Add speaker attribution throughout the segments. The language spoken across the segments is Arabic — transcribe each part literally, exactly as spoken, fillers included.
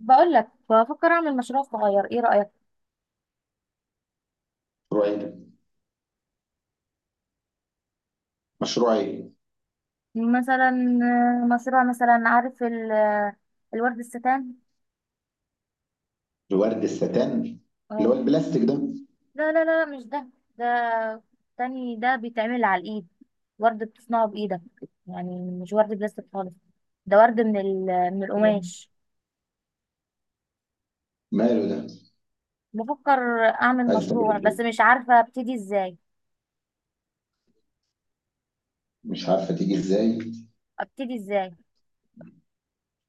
Speaker 1: بقول لك بفكر اعمل مشروع صغير، ايه رأيك؟
Speaker 2: مشروع ايه ده؟ مشروع ايه؟
Speaker 1: مثلا آه، مشروع مثلا عارف ال- آه، الورد الستان.
Speaker 2: الورد الستان اللي هو
Speaker 1: اه.
Speaker 2: البلاستيك ده.
Speaker 1: لا لا لا، مش ده. ده تاني، ده بيتعمل على الايد. ورد بتصنعه بايدك، يعني مش ورد بلاستيك خالص. ده ورد من ال- من القماش.
Speaker 2: ماله ده؟
Speaker 1: بفكر اعمل
Speaker 2: عايز
Speaker 1: مشروع،
Speaker 2: تعملي
Speaker 1: بس
Speaker 2: ايه؟
Speaker 1: مش عارفة ابتدي ازاي.
Speaker 2: مش عارفه تيجي ازاي؟
Speaker 1: ابتدي ازاي؟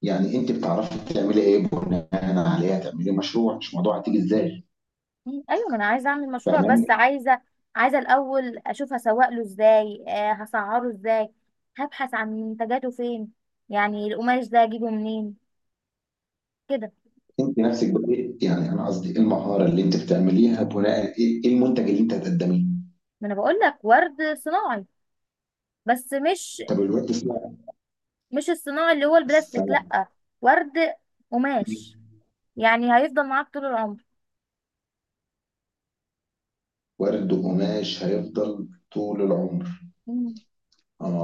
Speaker 2: يعني انت بتعرفي تعملي ايه بناء عليها تعملي مشروع، مش موضوع هتيجي ازاي؟
Speaker 1: ايوه، ما انا عايزه اعمل مشروع بس
Speaker 2: فاهماني؟
Speaker 1: عايزه عايزه الاول اشوف هسوق له ازاي، آه هسعره ازاي. هبحث عن منتجاته فين، يعني القماش ده اجيبه منين، كده.
Speaker 2: انت نفسك بدأت، يعني انا قصدي ايه المهاره اللي انت بتعمليها بناء، ايه إيه المنتج اللي انت هتقدميه؟
Speaker 1: ما انا بقول لك ورد صناعي، بس مش
Speaker 2: طب الورد سنة.
Speaker 1: مش الصناعي اللي هو البلاستيك،
Speaker 2: سنة.
Speaker 1: لا. ورد قماش، يعني هيفضل معاك طول العمر.
Speaker 2: ورد وقماش هيفضل طول العمر.
Speaker 1: مم.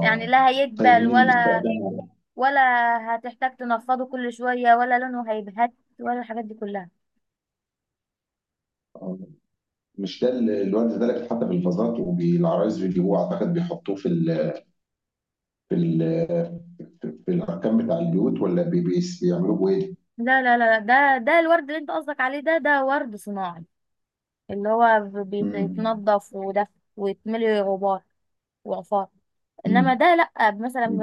Speaker 1: يعني لا
Speaker 2: طيب
Speaker 1: هيدبل
Speaker 2: مين اللي
Speaker 1: ولا
Speaker 2: بيستخدمه؟
Speaker 1: ولا هتحتاج تنفضه كل شويه، ولا لونه هيبهت، ولا الحاجات دي كلها.
Speaker 2: مش ده ال- الواد ده اللي حتى بالفازات وبالعرايس بيجيبوه، اعتقد بيحطوه في ال في ال في في الاركان بتاع البيوت، ولا بي- بيس- بيعملوه بايه؟
Speaker 1: لا لا لا لا، ده ده الورد اللي انت قصدك عليه، ده ده ورد صناعي. اللي هو بي-
Speaker 2: مم.
Speaker 1: بيتنضف، وده ويتملي غبار وعفار. انما
Speaker 2: مم.
Speaker 1: ده لا، مثلا
Speaker 2: مم.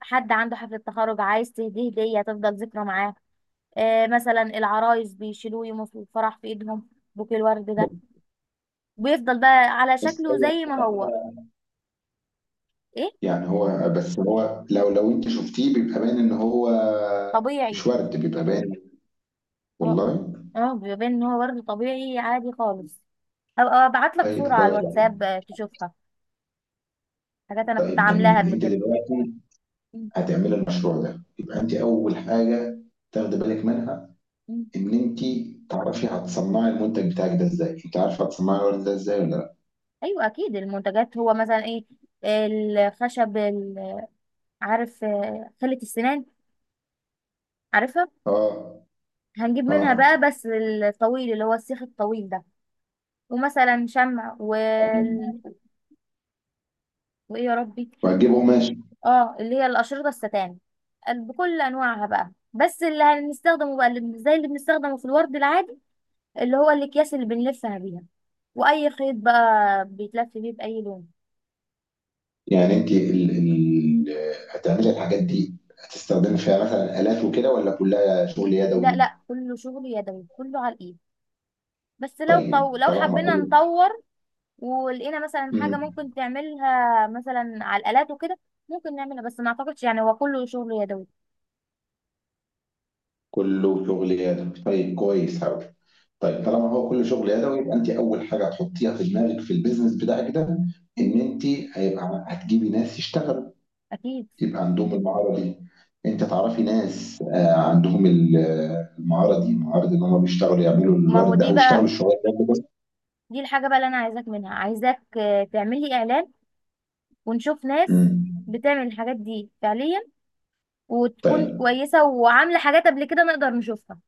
Speaker 1: حد عنده حفلة تخرج عايز تهديه هدية تفضل ذكرى معاه. آه، مثلا العرايس بيشيلوه يوم في الفرح في ايدهم. بوكيه الورد ده بيفضل بقى على
Speaker 2: بس
Speaker 1: شكله
Speaker 2: ايوه.
Speaker 1: زي ما هو. ايه.
Speaker 2: يعني هو، بس هو لو لو انت شفتيه بيبقى باين ان هو.
Speaker 1: طبيعي.
Speaker 2: مش ورد، بيبقى باين.
Speaker 1: اه.
Speaker 2: والله؟
Speaker 1: اه، بيبان ان هو ورد طبيعي عادي خالص. هبقى ابعت لك صورة
Speaker 2: طيب
Speaker 1: على
Speaker 2: كويس.
Speaker 1: الواتساب، آه، تشوفها. حاجات انا كنت
Speaker 2: طيب
Speaker 1: عاملاها
Speaker 2: جميل.
Speaker 1: قبل
Speaker 2: انت
Speaker 1: كده.
Speaker 2: دلوقتي هتعملي المشروع ده، يبقى انت اول حاجه تاخدي بالك منها، ان انت تعرفي هتصنعي المنتج بتاعك ده ازاي. انت عارفه هتصنعي الورد ده ازاي ولا لا؟
Speaker 1: ايوه اكيد، المنتجات هو مثلا ايه؟ الخشب ال- عارف، آه، خلة السنان. عارفها؟
Speaker 2: اه.
Speaker 1: هنجيب منها
Speaker 2: اه.
Speaker 1: بقى، بس الطويل اللي هو السيخ الطويل ده. ومثلا شمع وال... وايه يا ربي.
Speaker 2: وهتجيب قماش.
Speaker 1: اه، اللي هي الاشرطة الستان، ال- بكل انواعها بقى، بس اللي هنستخدمه بقى اللي زي اللي بنستخدمه في الورد العادي، اللي هو الاكياس اللي بنلفها بيها، واي خيط بقى بيتلف بيه باي لون.
Speaker 2: يعني انت ال... ال... هتعملي الحاجات دي، هتستخدمي فيها مثلا آلات وكده، ولا كلها شغل
Speaker 1: لا
Speaker 2: يدوي؟
Speaker 1: لا، كله شغل يدوي، كله على الايد. بس لو
Speaker 2: طيب
Speaker 1: طو... لو
Speaker 2: طالما
Speaker 1: حبينا
Speaker 2: كله.
Speaker 1: نطور ولقينا مثلا حاجة
Speaker 2: مم.
Speaker 1: ممكن تعملها مثلا على الآلات وكده، ممكن نعملها، بس ما أعتقدش، يعني هو كله شغل يدوي.
Speaker 2: كله شغل يدوي، طيب كويس قوي. طيب
Speaker 1: مم.
Speaker 2: طالما هو كله شغل يدوي، يبقى انت اول حاجه هتحطيها في دماغك في البيزنس بتاعك ده، ان
Speaker 1: مم.
Speaker 2: انت هيبقى هتجيبي ناس يشتغلوا،
Speaker 1: أكيد.
Speaker 2: يبقى عندهم المهارة دي. انت
Speaker 1: مم.
Speaker 2: تعرفي ناس آه، عندهم ال- آه، المهارة دي، مهارة ان هم بيشتغلوا يعملوا
Speaker 1: ما هو
Speaker 2: الورد ده،
Speaker 1: دي
Speaker 2: او يشتغلوا
Speaker 1: بقى،
Speaker 2: الشغل ده بس.
Speaker 1: دي الحاجة بقى اللي أنا عايزاك منها، عايزاك آه، تعمل لي إعلان، ونشوف ناس
Speaker 2: مم.
Speaker 1: بتعمل الحاجات دي فعليا وتكون
Speaker 2: طيب.
Speaker 1: كويسة وعاملة حاجات قبل كده نقدر نشوفها.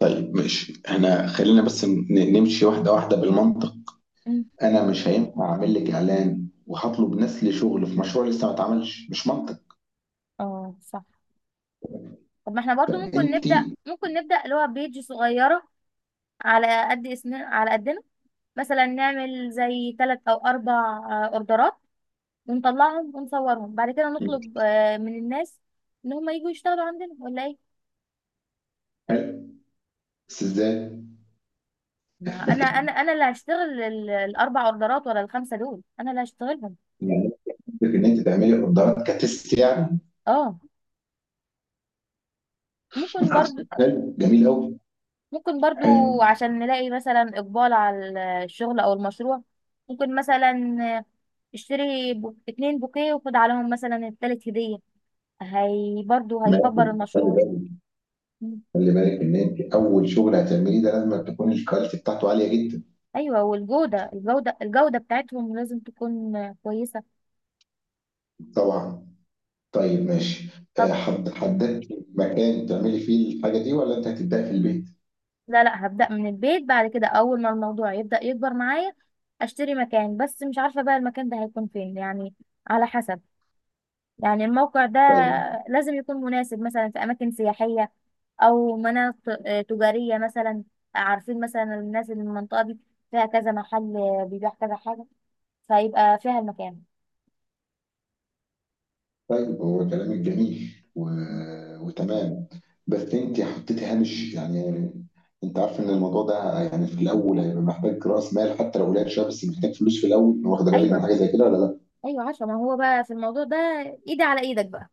Speaker 2: طيب ماشي، احنا خلينا بس ن- نمشي واحدة واحدة بالمنطق.
Speaker 1: مم.
Speaker 2: انا مش هينفع اعمل لك اعلان وهطلب ناس لشغل في مشروع لسه ما اتعملش، مش منطق.
Speaker 1: اه صح. طب ما احنا برضو ممكن
Speaker 2: فانت.
Speaker 1: نبدأ ممكن نبدأ اللي هو بيج صغيرة، على قد اسمنا على قدنا. مثلا نعمل زي ثلاث أو أربع آه، أوردرات ونطلعهم ونصورهم، بعد كده نطلب آه، من الناس ان هم يجوا يشتغلوا عندنا ولا ايه.
Speaker 2: حلو، بس ازاي؟
Speaker 1: ما انا انا انا اللي هشتغل ال- الاربع اوردرات ولا الخمسه دول، انا اللي هشتغلهم.
Speaker 2: يعني قصدك ان انت تعملي اوردرات كتست يعني؟
Speaker 1: اه. ممكن برضو.
Speaker 2: حلو جميل قوي.
Speaker 1: ممكن برضو.
Speaker 2: حلو.
Speaker 1: عشان نلاقي مثلا اقبال على الشغل او المشروع. ممكن مثلا، آه، اشتري بو- اتنين بوكيه وخد عليهم مثلا التالت هديه، هي برضو
Speaker 2: ماشي.
Speaker 1: هيكبر المشروع.
Speaker 2: طيب،
Speaker 1: مم.
Speaker 2: خلي بالك ان انت اول شغل هتعمليه ده لازم تكون الكواليتي بتاعته عاليه جدا.
Speaker 1: ايوه، والجوده الجوده الجوده بتاعتهم لازم تكون آه، كويسه.
Speaker 2: طبعا. طيب ماشي. آه،
Speaker 1: طب.
Speaker 2: حد، حددت مكان تعملي فيه الحاجه دي، ولا انت هتبداي في البيت؟
Speaker 1: لا لا، هبدأ من البيت، بعد كده أول ما الموضوع يبدأ يكبر معايا أشتري مكان، بس مش عارفة بقى المكان ده هيكون فين يعني، على حسب. يعني الموقع ده
Speaker 2: طيب.
Speaker 1: لازم يكون مناسب مثلا في أماكن سياحية، أو مناطق آه، تجارية مثلا. عارفين مثلا الناس اللي من المنطقة دي، فيها كذا محل آه، بيبيع كذا حاجة، فيبقى فيها المكان.
Speaker 2: طيب هو كلامك جميل و... وتمام، بس انت حطيتي هامش يعني. انت عارف ان الموضوع ده يعني في الاول هيبقى محتاج راس مال، حتى لو قليل شويه، بس محتاج فلوس في الاول. واخده بالك من
Speaker 1: أيوه.
Speaker 2: حاجه زي كده ولا لا؟
Speaker 1: أيوه عارفة، ما هو بقى في الموضوع ده إيدي على إيدك بقى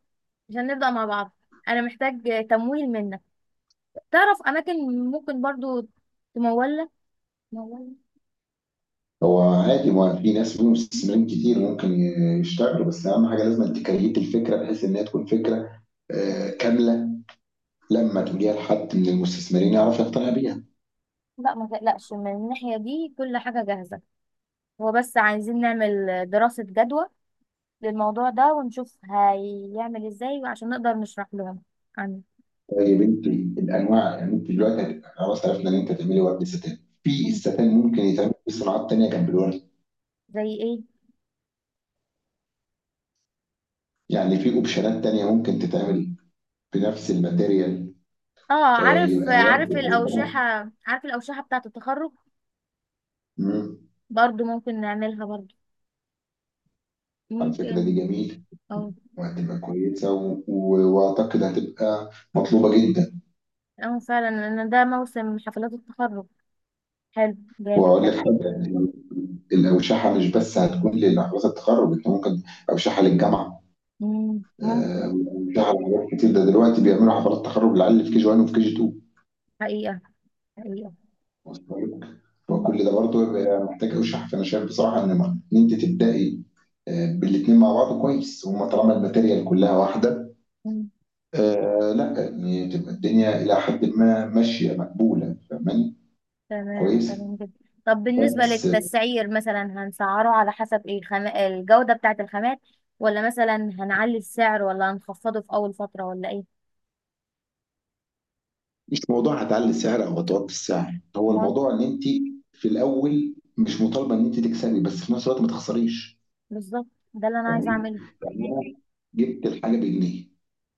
Speaker 1: عشان نبدأ مع بعض. أنا محتاج آه، تمويل منك. تعرف اماكن ممكن برضو تمولة مولة.
Speaker 2: هو عادي، ما في ناس فيهم مستثمرين كتير ممكن يشتغلوا، بس اهم حاجه لازم تكريت الفكره بحيث انها تكون فكره آه، كامله، لما تجيها لحد من المستثمرين يعرف يقتنع بيها.
Speaker 1: لا، ما تقلقش من الناحية دي، كل حاجة جاهزة. هو بس عايزين نعمل دراسة جدوى للموضوع ده، ونشوف هيعمل ازاي عشان نقدر نشرح لهم عنه.
Speaker 2: طيب انت، الانواع، يعني انت دلوقتي هت- خلاص عرفنا ان انت تعملي ورد ستان. في
Speaker 1: مم.
Speaker 2: الستان ممكن يتعمل في صناعات تانية جنب الورد.
Speaker 1: زي ايه؟
Speaker 2: يعني في اوبشنات تانية ممكن تتعمل بنفس الماتيريال.
Speaker 1: اه،
Speaker 2: آه،
Speaker 1: عارف
Speaker 2: يبقى ورد
Speaker 1: عارف
Speaker 2: وحاجة
Speaker 1: الأوشحة.
Speaker 2: تانية.
Speaker 1: عارف الأوشحة بتاعة التخرج.
Speaker 2: مم.
Speaker 1: برضو ممكن نعملها برضو.
Speaker 2: على الفكره دي
Speaker 1: ممكن.
Speaker 2: جميل،
Speaker 1: اه.
Speaker 2: وهتبقى كويسه و- و- واعتقد هتبقى مطلوبه جدا.
Speaker 1: اه فعلا، لأن ده موسم حفلات التخرج. حلو جامد
Speaker 2: واقول لك
Speaker 1: ده.
Speaker 2: حاجه يعني، الاوشحه مش بس هتكون لحفلات التخرج، انت ممكن اوشحه للجامعه،
Speaker 1: مم.
Speaker 2: آه،
Speaker 1: ممكن.
Speaker 2: اوشحه لحاجات كتير. ده دلوقتي بيعملوا حفلات تخرج للعيال اللي في كي جي واحد وفي كي جي اتنين.
Speaker 1: حقيقة.
Speaker 2: واصل لك؟
Speaker 1: حقيقة.
Speaker 2: فكل ده برضه بيبقى محتاج اوشحه، فانا شايف بصراحه ان ما- ان انت تبداي آه، بالاثنين مع بعض كويس، هما طالما الماتيريال كلها واحده.
Speaker 1: مم.
Speaker 2: آه لا، يعني تبقى الدنيا الى حد ما ماشيه مقبوله. فاهماني؟
Speaker 1: تمام
Speaker 2: كويس.
Speaker 1: تمام جدا. طب بالنسبة للتسعير، مثلا هنسعره على حسب ايه؟ خم... الجودة بتاعة الخامات؟ ولا مثلا هنعلي السعر، ولا هنخفضه في أول فترة، ولا ايه؟
Speaker 2: مش موضوع هتعلي السعر او هتوطي السعر، هو
Speaker 1: مال.
Speaker 2: الموضوع ان انت في الاول مش مطالبه ان انت تكسبي، بس في نفس الوقت ما تخسريش.
Speaker 1: بالظبط، ده اللي أنا عايزة
Speaker 2: فاهماني؟
Speaker 1: أعمله.
Speaker 2: يعني انا جبت الحاجه بجنيه،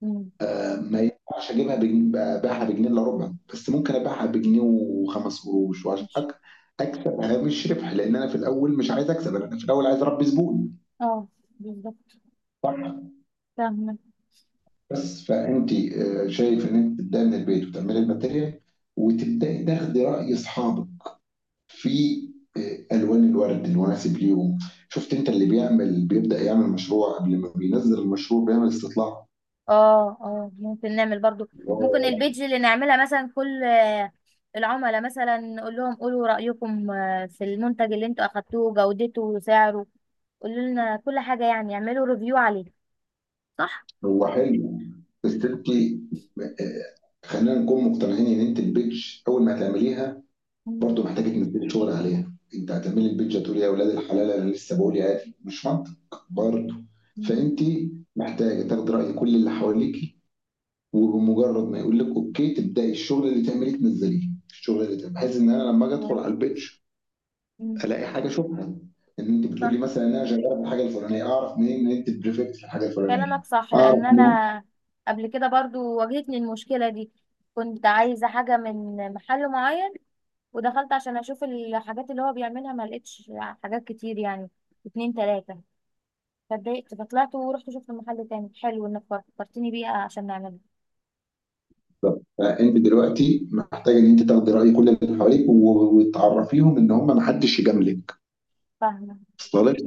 Speaker 1: مم.
Speaker 2: آه، ما ينفعش اجيبها بجنيه ابيعها بجنيه الا ربع، بس ممكن ابيعها بجنيه وخمس قروش، وعشان
Speaker 1: ماشي.
Speaker 2: أك- اكسب هامش ربح، لان انا في الاول مش عايز اكسب، انا في الاول عايز اربي زبون.
Speaker 1: اه. بالظبط.
Speaker 2: صح.
Speaker 1: فاهمة.
Speaker 2: بس فانت، آه، شايف ان انت تبداي من البيت وتعملي الماتيريال، وتبداي تاخدي راي اصحابك في آه، الوان الورد المناسب ليهم. شفت، انت اللي بيعمل بيبدا يعمل مشروع قبل ما بينزل المشروع بيعمل استطلاع.
Speaker 1: اه، اه، ممكن نعمل برضو. ممكن
Speaker 2: هو
Speaker 1: البيج اللي نعملها، مثلا كل آه، العملاء مثلا نقول لهم قولوا رأيكم آه، في المنتج اللي انتوا أخدتوه، جودته وسعره، قولوا لنا كل حاجة، يعني اعملوا ريفيو عليه. صح.
Speaker 2: هو حلو، بس
Speaker 1: مم.
Speaker 2: انت آه، خلينا نكون مقتنعين ان انت البيج اول ما هتعمليها
Speaker 1: مم.
Speaker 2: برضو محتاجه تنزلي شغل عليها. انت هتعملي البيج هتقولي يا اولاد الحلال، انا لسه بقول عادي مش منطق برضو.
Speaker 1: مم.
Speaker 2: فانت محتاجه تاخدي راي كل اللي حواليك، وبمجرد ما يقول لك اوكي تبداي الشغل اللي تعمليه، تنزليه الشغل اللي تعمليه، بحيث ان انا لما اجي ادخل
Speaker 1: حلو.
Speaker 2: على البيتش
Speaker 1: مم.
Speaker 2: الاقي حاجه اشوفها، ان انت
Speaker 1: صح،
Speaker 2: بتقولي مثلا ان انا شغاله في الحاجه الفلانيه، اعرف منين ان انت بريفكت في الحاجه الفلانيه،
Speaker 1: كلامك صح
Speaker 2: اعرف
Speaker 1: لان
Speaker 2: منين؟
Speaker 1: انا قبل كده برضو واجهتني المشكله دي. كنت عايزه حاجه من محل معين، ودخلت عشان اشوف الحاجات اللي هو بيعملها ما لقيتش حاجات كتير، يعني اتنين تلاته، فاتضايقت، فطلعت ورحت شفت محل تاني حلو انك فكرتني بيه عشان نعمله.
Speaker 2: بالظبط. فانت دلوقتي محتاجه ان انت تاخدي راي كل اللي حواليك، و- وتعرفيهم ان هم ما حدش يجاملك.
Speaker 1: فاهمه.
Speaker 2: وصل لك؟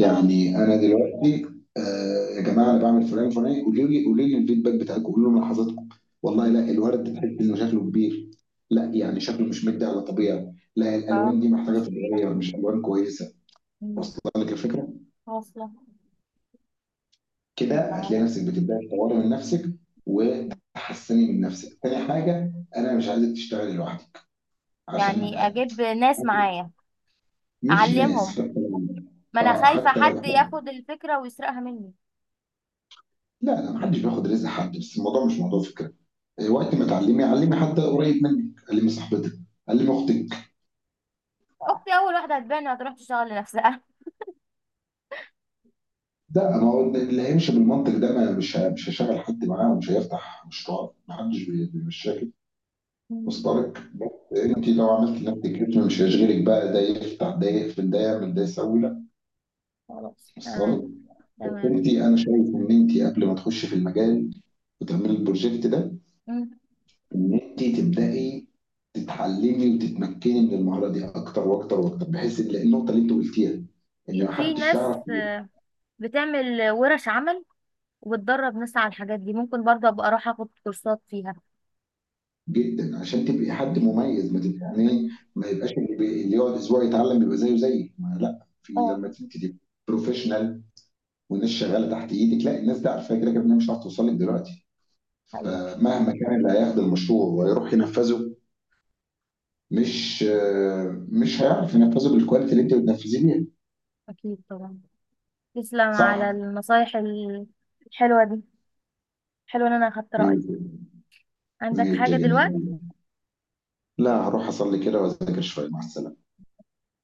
Speaker 1: اه.
Speaker 2: انا دلوقتي، آه يا جماعه انا بعمل فلان فلان، قولوا لي، قولوا لي الفيدباك بتاعكم، قولوا لي ملاحظاتكم. والله
Speaker 1: مم.
Speaker 2: لا، الورد ده تحس انه شكله كبير، لا يعني شكله مش مدي على طبيعي، لا
Speaker 1: اه.
Speaker 2: الالوان دي محتاجه تتغير مش الوان كويسه.
Speaker 1: مم.
Speaker 2: واصله لك الفكره؟
Speaker 1: واصله.
Speaker 2: كده
Speaker 1: يلا يلا.
Speaker 2: هتلاقي نفسك بتبداي تطوري من نفسك وتحسني من نفسك. تاني حاجه، انا مش عايزك تشتغلي لوحدك عشان
Speaker 1: يعني
Speaker 2: أقدم.
Speaker 1: اجيب ناس معايا
Speaker 2: مش ناس.
Speaker 1: اعلمهم؟ ما انا
Speaker 2: اه
Speaker 1: خايفه
Speaker 2: حتى
Speaker 1: حد
Speaker 2: لو.
Speaker 1: ياخد الفكره ويسرقها مني.
Speaker 2: لا لا، محدش بياخد رزق حد، بس الموضوع مش موضوع فكرة. وقت ما تعلمي، علمي حد قريب منك، علمي صاحبتك، علمي أختك.
Speaker 1: اختي اول واحده هتبان، هتروح تشتغل لنفسها.
Speaker 2: لأ، ما هو اللي هيمشي بالمنطق ده ما مش ه مش هيشغّل حد معاه ومش هيفتح مشروع، ما حدش بي بيمشّيها كده.
Speaker 1: مم.
Speaker 2: مصدرِك بس أنتِ، لو
Speaker 1: أصلاً.
Speaker 2: عملتِ لنفسِك اسم مش هيشغلِك بقى ده يفتح، ده يقفل، ده يعمل، ده يسوي. لأ.
Speaker 1: خلاص
Speaker 2: واصلة لِك؟
Speaker 1: تمام.
Speaker 2: بس
Speaker 1: تمام.
Speaker 2: أنتِ، أنا شايف إن أنتِ قبل ما تخشي في المجال وتعملي الproject ده،
Speaker 1: مم.
Speaker 2: ان انت تبداي تتعلمي وتتمكني من المهاره دي اكتر واكتر واكتر، بحيث ان النقطه اللي انت قلتيها ان ما
Speaker 1: في
Speaker 2: حدش
Speaker 1: ناس
Speaker 2: يعرف يروح،
Speaker 1: بتعمل ورش عمل، وبتدرب ناس على الحاجات دي، ممكن برضه ابقى اروح اخد كورسات فيها.
Speaker 2: جدا، عشان تبقي حد مميز. ما تبقي يعني إيه،
Speaker 1: مم.
Speaker 2: ما يبقاش اللي بي- اللي يقعد اسبوع يتعلم يبقى زيه زيك. ما لا، في
Speaker 1: اه.
Speaker 2: لما انت تبقي بروفيشنال والناس شغاله تحت ايدك، لا الناس دي عارفه كده كده إنها مش هتعرف توصل لك دلوقتي،
Speaker 1: ايوه
Speaker 2: فمهما كان اللي هياخد المشروع ويروح ينفذه مش آه، مش هيعرف ينفذه بالكواليتي اللي انت بتنفذيه بيها.
Speaker 1: اكيد طبعا. تسلم على
Speaker 2: صح.
Speaker 1: النصايح الحلوه دي. حلو ان انا اخدت
Speaker 2: ماشي.
Speaker 1: رايك. عندك
Speaker 2: ماشي يا
Speaker 1: حاجه
Speaker 2: جميل،
Speaker 1: دلوقتي؟
Speaker 2: لا هروح اصلي كده واذاكر شوية، مع السلامة.